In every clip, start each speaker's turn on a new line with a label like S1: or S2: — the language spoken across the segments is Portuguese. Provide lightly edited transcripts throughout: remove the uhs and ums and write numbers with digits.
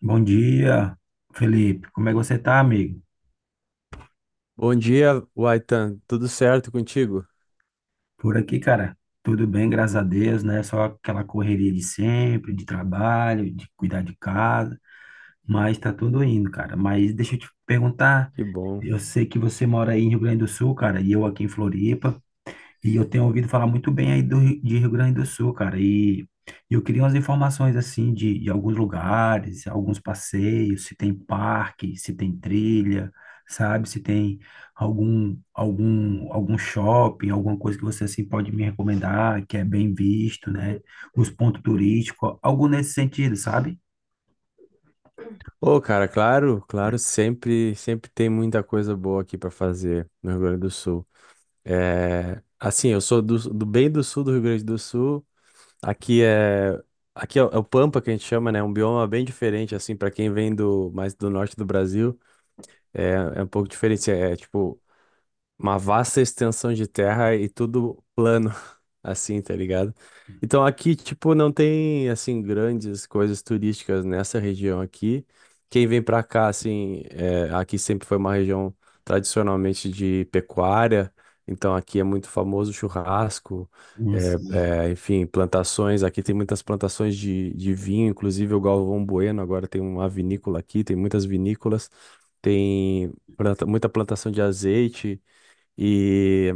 S1: Bom dia, Felipe. Como é que você tá, amigo?
S2: Bom dia, Waitan. Tudo certo contigo?
S1: Por aqui, cara, tudo bem, graças a Deus, né? Só aquela correria de sempre, de trabalho, de cuidar de casa, mas tá tudo indo, cara. Mas deixa eu te perguntar,
S2: Que bom.
S1: eu sei que você mora aí em Rio Grande do Sul, cara, e eu aqui em Floripa. E eu tenho ouvido falar muito bem aí de Rio Grande do Sul, cara. E eu queria umas informações, assim, de alguns lugares, alguns passeios, se tem parque, se tem trilha, sabe? Se tem algum shopping, alguma coisa que você, assim, pode me recomendar, que é bem visto, né? Os pontos turísticos, algo nesse sentido, sabe?
S2: Ô, cara, claro, claro, sempre, sempre tem muita coisa boa aqui para fazer no Rio Grande do Sul. É, assim, eu sou do bem do sul do Rio Grande do Sul. Aqui é, aqui é, o É o Pampa que a gente chama, né? É um bioma bem diferente, assim, para quem vem do mais do norte do Brasil. É é um pouco diferente. Tipo uma vasta extensão de terra e tudo plano. Assim, tá ligado? Então aqui, tipo, não tem, assim, grandes coisas turísticas nessa região aqui. Quem vem pra cá, assim, aqui sempre foi uma região tradicionalmente de pecuária, então aqui é muito famoso churrasco,
S1: Hum. Sim.
S2: enfim, plantações. Aqui tem muitas plantações de vinho, inclusive o Galvão Bueno agora tem uma vinícola aqui, tem muitas vinícolas, tem muita plantação de azeite. E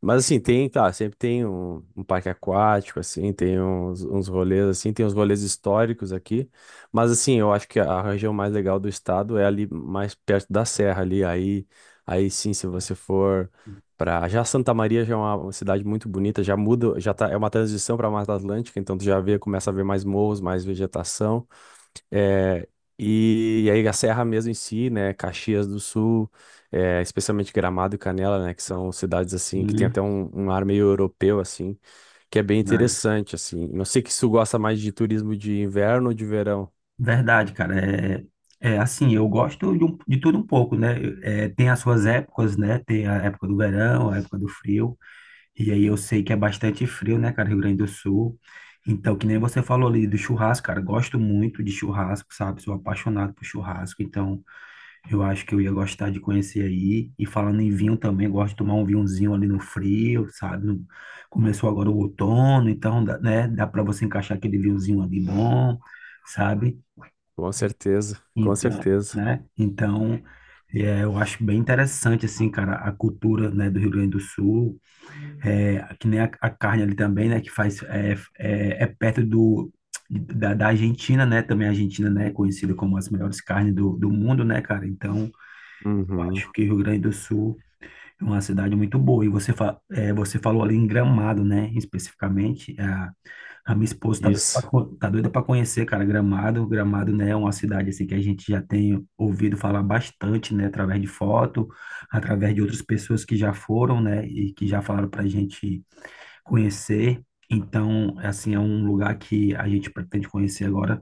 S2: mas assim, tem, tá, sempre tem um parque aquático, assim, tem uns rolês, assim, tem uns rolês históricos aqui. Mas assim, eu acho que a região mais legal do estado é ali mais perto da serra ali. Aí sim, se você for para já Santa Maria já é uma cidade muito bonita, já muda, já tá, é uma transição para a Mata Atlântica, então tu já vê, começa a ver mais morros, mais vegetação. É, e aí a Serra mesmo em si, né, Caxias do Sul, especialmente Gramado e Canela, né, que são cidades assim que tem
S1: Sim.
S2: até um ar meio europeu assim, que é bem interessante assim. Não sei que se tu gosta mais de turismo de inverno ou de verão.
S1: Verdade, cara. É, assim, eu gosto de tudo um pouco, né? É, tem as suas épocas, né? Tem a época do verão, a época do frio. E aí eu sei que é bastante frio, né, cara, Rio Grande do Sul. Então, que nem você falou ali do churrasco, cara. Gosto muito de churrasco, sabe? Sou apaixonado por churrasco. Então, eu acho que eu ia gostar de conhecer aí. E falando em vinho também, gosto de tomar um vinhozinho ali no frio, sabe? Começou agora o outono, então, né? Dá para você encaixar aquele vinhozinho ali bom, sabe?
S2: Com certeza, com
S1: Então,
S2: certeza.
S1: né? Então, eu acho bem interessante, assim, cara, a cultura, né, do Rio Grande do Sul, que nem a carne ali também, né, que faz, perto da Argentina, né, também a Argentina, né, é conhecida como as melhores carnes do mundo, né, cara, então, eu
S2: Uhum,
S1: acho que o Rio Grande do Sul é uma cidade muito boa. E você, você falou ali em Gramado, né? Especificamente. A minha esposa
S2: isso.
S1: tá doida para conhecer, cara, Gramado. Gramado, né, é uma cidade assim que a gente já tem ouvido falar bastante, né? Através de foto, através de outras pessoas que já foram, né? E que já falaram pra gente conhecer. Então, assim, é um lugar que a gente pretende conhecer agora,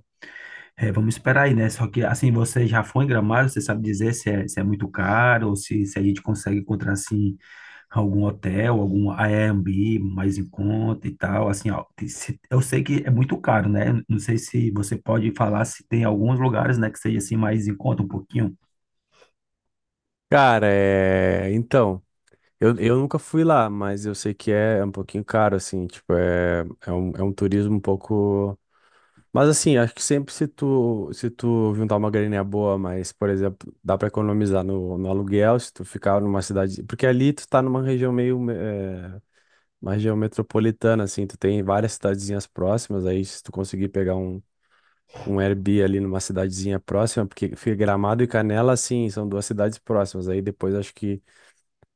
S1: vamos esperar aí, né? Só que assim, você já foi em Gramado, você sabe dizer se é, muito caro ou se a gente consegue encontrar assim algum hotel, algum Airbnb mais em conta e tal, assim, ó, eu sei que é muito caro, né? Não sei se você pode falar se tem alguns lugares, né, que seja assim mais em conta um pouquinho.
S2: Cara, então, eu nunca fui lá, mas eu sei que é um pouquinho caro assim, tipo, é um turismo um pouco. Mas assim, acho que sempre se tu, juntar uma graninha boa, mas, por exemplo, dá pra economizar no aluguel, se tu ficar numa cidade. Porque ali tu tá numa região meio. Uma região metropolitana, assim, tu tem várias cidadezinhas próximas, aí se tu conseguir pegar um Airbnb ali numa cidadezinha próxima, porque fica Gramado e Canela, assim, são duas cidades próximas, aí depois acho que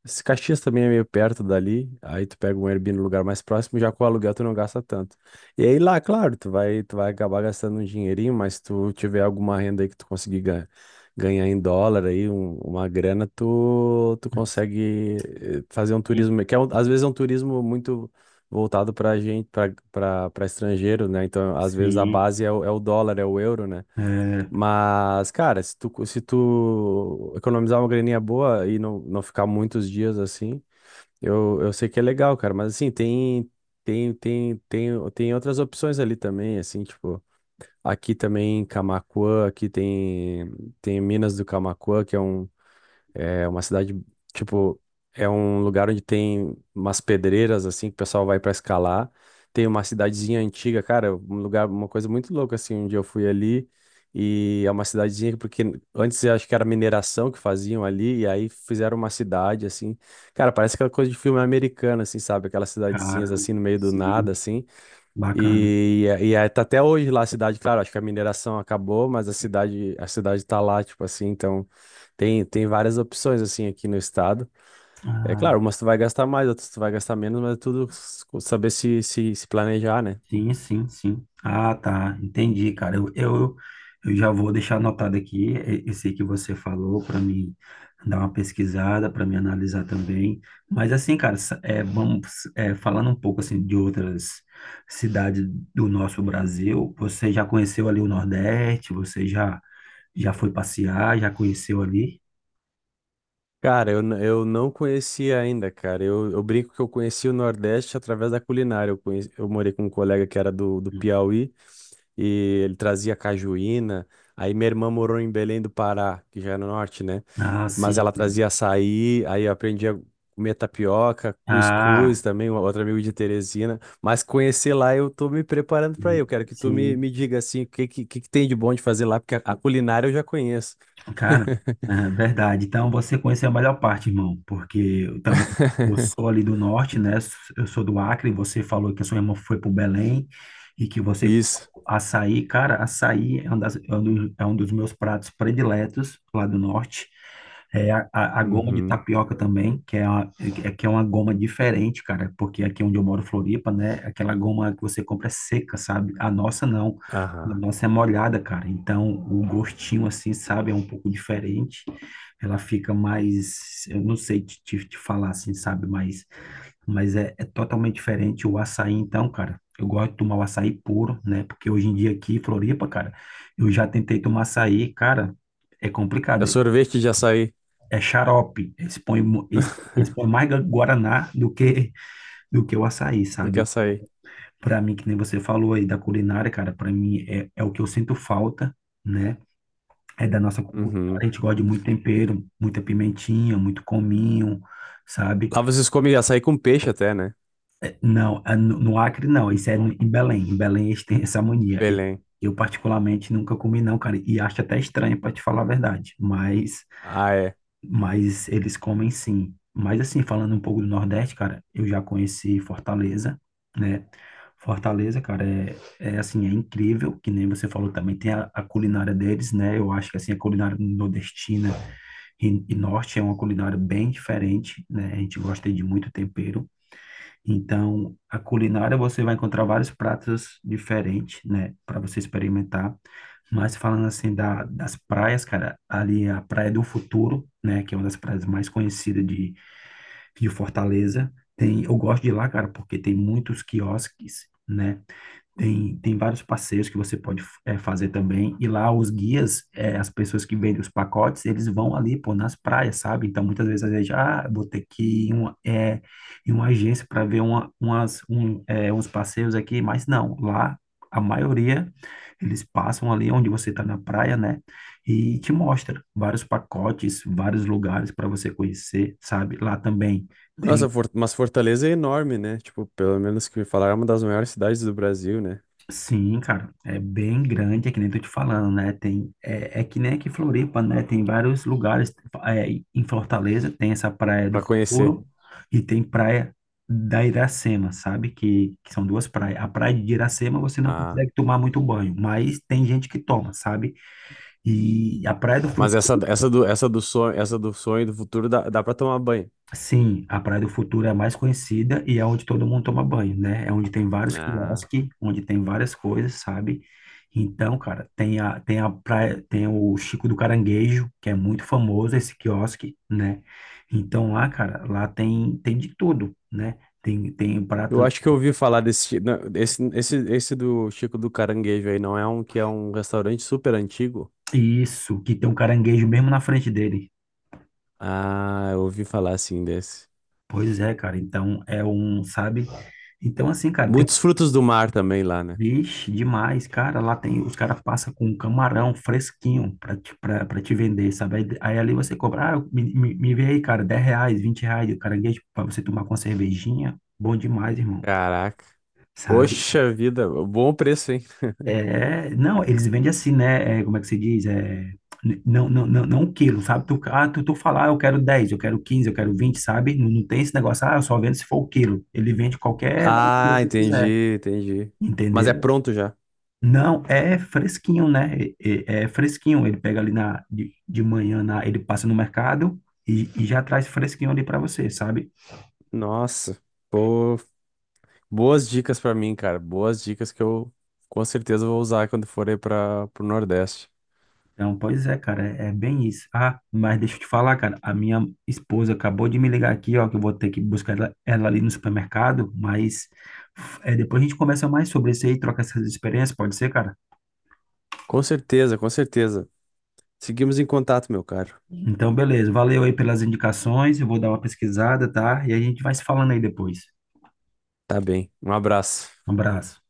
S2: se Caxias também é meio perto dali, aí tu pega um Airbnb no lugar mais próximo, já com o aluguel tu não gasta tanto. E aí lá, claro, tu vai acabar gastando um dinheirinho, mas se tu tiver alguma renda aí que tu conseguir ganhar em dólar aí, uma grana, tu consegue fazer um
S1: Sim,
S2: turismo, que é às vezes é um turismo muito voltado pra gente, pra estrangeiro, né? Então, às vezes a
S1: sim,
S2: base é o, dólar, é o euro, né?
S1: é,
S2: Mas, cara, se tu economizar uma graninha boa e não, não ficar muitos dias assim, eu sei que é legal, cara. Mas assim, tem outras opções ali também, assim, tipo, aqui também em Camaquã, aqui tem Minas do Camaquã, que é uma cidade, tipo, é um lugar onde tem umas pedreiras, assim, que o pessoal vai pra escalar. Tem uma cidadezinha antiga, cara, um lugar, uma coisa muito louca, assim, um dia eu fui ali e é uma cidadezinha, porque antes eu acho que era mineração que faziam ali, e aí fizeram uma cidade, assim. Cara, parece aquela coisa de filme americano, assim, sabe? Aquelas cidadezinhas,
S1: cara,
S2: assim, no meio do nada,
S1: sim,
S2: assim.
S1: bacana.
S2: E aí tá até hoje lá a cidade, claro, acho que a mineração acabou, mas a cidade tá lá, tipo assim, então tem várias opções assim aqui no estado. É claro, umas tu vai gastar mais, outras tu vai gastar menos, mas é tudo saber se planejar, né?
S1: Sim, sim, sim. Ah, tá. Entendi, cara. Eu já vou deixar anotado aqui, esse que você falou para mim dar uma pesquisada, para me analisar também. Mas assim, cara, falando um pouco assim de outras cidades do nosso Brasil, você já conheceu ali o Nordeste? Você já foi passear? Já conheceu ali?
S2: Cara, eu não conhecia ainda, cara. Eu brinco que eu conheci o Nordeste através da culinária. Eu morei com um colega que era do
S1: Hum.
S2: Piauí. E ele trazia cajuína. Aí minha irmã morou em Belém do Pará, que já é no norte, né?
S1: Ah,
S2: Mas
S1: sim.
S2: ela trazia açaí, aí eu aprendi a comer tapioca, cuscuz
S1: Ah,
S2: também, um outro amigo de Teresina. Mas conhecer lá eu tô me preparando para ir. Eu quero que tu me,
S1: sim.
S2: me diga assim, o que que tem de bom de fazer lá, porque a culinária eu já conheço.
S1: Cara, é verdade. Então você conheceu a melhor parte, irmão, porque eu também, eu sou ali do norte, né? Eu sou do Acre. Você falou que a sua irmã foi pro Belém e que você
S2: Isso.
S1: açaí, cara, açaí é um, das, é um dos meus pratos prediletos lá do norte. É a goma de
S2: Uhum.
S1: tapioca também, é que é uma goma diferente, cara, porque aqui onde eu moro, Floripa, né? Aquela goma que você compra é seca, sabe? A nossa não. A
S2: Aham.
S1: nossa é molhada, cara. Então, o gostinho, assim, sabe, é um pouco diferente. Ela fica mais, eu não sei te falar assim, sabe, mas, mas é totalmente diferente o açaí, então, cara. Eu gosto de tomar o açaí puro, né? Porque hoje em dia aqui, em Floripa, cara, eu já tentei tomar açaí, cara, é
S2: É
S1: complicado.
S2: sorvete de açaí.
S1: É xarope. Eles põem mais guaraná do que o açaí,
S2: Do que
S1: sabe?
S2: açaí.
S1: Pra mim, que nem você falou aí da culinária, cara, pra mim é o que eu sinto falta, né? É da nossa cultura, a
S2: Uhum.
S1: gente gosta de muito tempero, muita pimentinha, muito cominho, sabe?
S2: Lá vocês comem açaí com peixe até, né?
S1: Não, no Acre não, isso é em Belém. Em Belém eles têm essa mania.
S2: Belém.
S1: Eu particularmente nunca comi não, cara, e acho até estranho para te falar a verdade, mas
S2: Ah, é.
S1: mas eles comem sim. Mas assim, falando um pouco do Nordeste, cara, eu já conheci Fortaleza, né? Fortaleza, cara, é assim, é incrível, que nem você falou também, tem a culinária deles, né? Eu acho que assim, a culinária nordestina e norte é uma culinária bem diferente, né? A gente gosta de muito tempero. Então, a culinária você vai encontrar vários pratos diferentes, né? Para você experimentar. Mas falando assim das praias, cara, ali é a Praia do Futuro, né? Que é uma das praias mais conhecidas de Fortaleza. Eu gosto de ir lá, cara, porque tem muitos quiosques, né? Tem vários passeios que você pode, fazer também. E lá os guias, as pessoas que vendem os pacotes, eles vão ali, pô, nas praias, sabe? Então, muitas vezes a gente, ah, vou ter que ir em uma, é, em uma agência para ver uma, umas, um, é, uns passeios aqui, mas não, lá a maioria eles passam ali onde você está na praia, né? E te mostra vários pacotes, vários lugares para você conhecer, sabe? Lá também. Tem
S2: Nossa, mas Fortaleza é enorme, né? Tipo, pelo menos que me falaram, é uma das maiores cidades do Brasil, né?
S1: Sim, cara, é bem grande, é que nem tô te falando, né? É que nem aqui em Floripa, né? Tem vários lugares, é, em Fortaleza tem essa Praia do
S2: Pra conhecer.
S1: Futuro e tem Praia da Iracema, sabe? Que são duas praias. A Praia de Iracema você não
S2: Ah,
S1: consegue tomar muito banho, mas tem gente que toma, sabe? E a Praia do
S2: mas
S1: Futuro
S2: essa, essa do sonho do futuro dá pra tomar banho.
S1: Sim, a Praia do Futuro é a mais conhecida e é onde todo mundo toma banho, né? É onde tem vários
S2: Ah,
S1: quiosques, onde tem várias coisas, sabe? Então, cara, tem a praia, tem o Chico do Caranguejo, que é muito famoso esse quiosque, né? Então lá, cara, lá tem de tudo, né? Tem
S2: eu
S1: pratos,
S2: acho que eu ouvi falar desse, não, esse do Chico do Caranguejo aí, não é um que é um restaurante super antigo?
S1: isso, que tem um caranguejo mesmo na frente dele.
S2: Ah, eu ouvi falar assim desse.
S1: Pois é, cara, então é um, sabe? Então, assim, cara, tem
S2: Muitos frutos do mar também lá, né?
S1: Vixe, demais, cara. Lá os caras passam com um camarão fresquinho pra te vender, sabe? Aí ali você cobra, ah, me vê aí, cara, R$ 10, R$ 20 de caranguejo pra você tomar com uma cervejinha. Bom demais, irmão,
S2: Caraca.
S1: sabe?
S2: Poxa vida, bom preço, hein?
S1: É, não, eles vendem assim, né? É, como é que se diz? É, não, não, não, não um quilo, sabe? Tu falar, eu quero 10, eu quero 15, eu quero 20, sabe? Não, não tem esse negócio, ah, eu só vendo se for o quilo. Ele vende qualquer valor que
S2: Ah,
S1: você
S2: entendi,
S1: quiser,
S2: entendi. Mas é
S1: entendeu?
S2: pronto já.
S1: Não, é fresquinho, né? É, é fresquinho. Ele pega ali de manhã, ele passa no mercado e já traz fresquinho ali para você, sabe?
S2: Nossa, pô, boas dicas pra mim, cara. Boas dicas que eu com certeza vou usar quando for aí para pro Nordeste.
S1: Então, pois é, cara, é bem isso. Ah, mas deixa eu te falar, cara, a minha esposa acabou de me ligar aqui, ó, que eu vou ter que buscar ela, ali no supermercado, mas depois a gente conversa mais sobre isso aí, troca essas experiências, pode ser, cara?
S2: Com certeza, com certeza. Seguimos em contato, meu caro.
S1: Então, beleza, valeu aí pelas indicações, eu vou dar uma pesquisada, tá? E a gente vai se falando aí depois.
S2: Tá bem. Um abraço.
S1: Um abraço.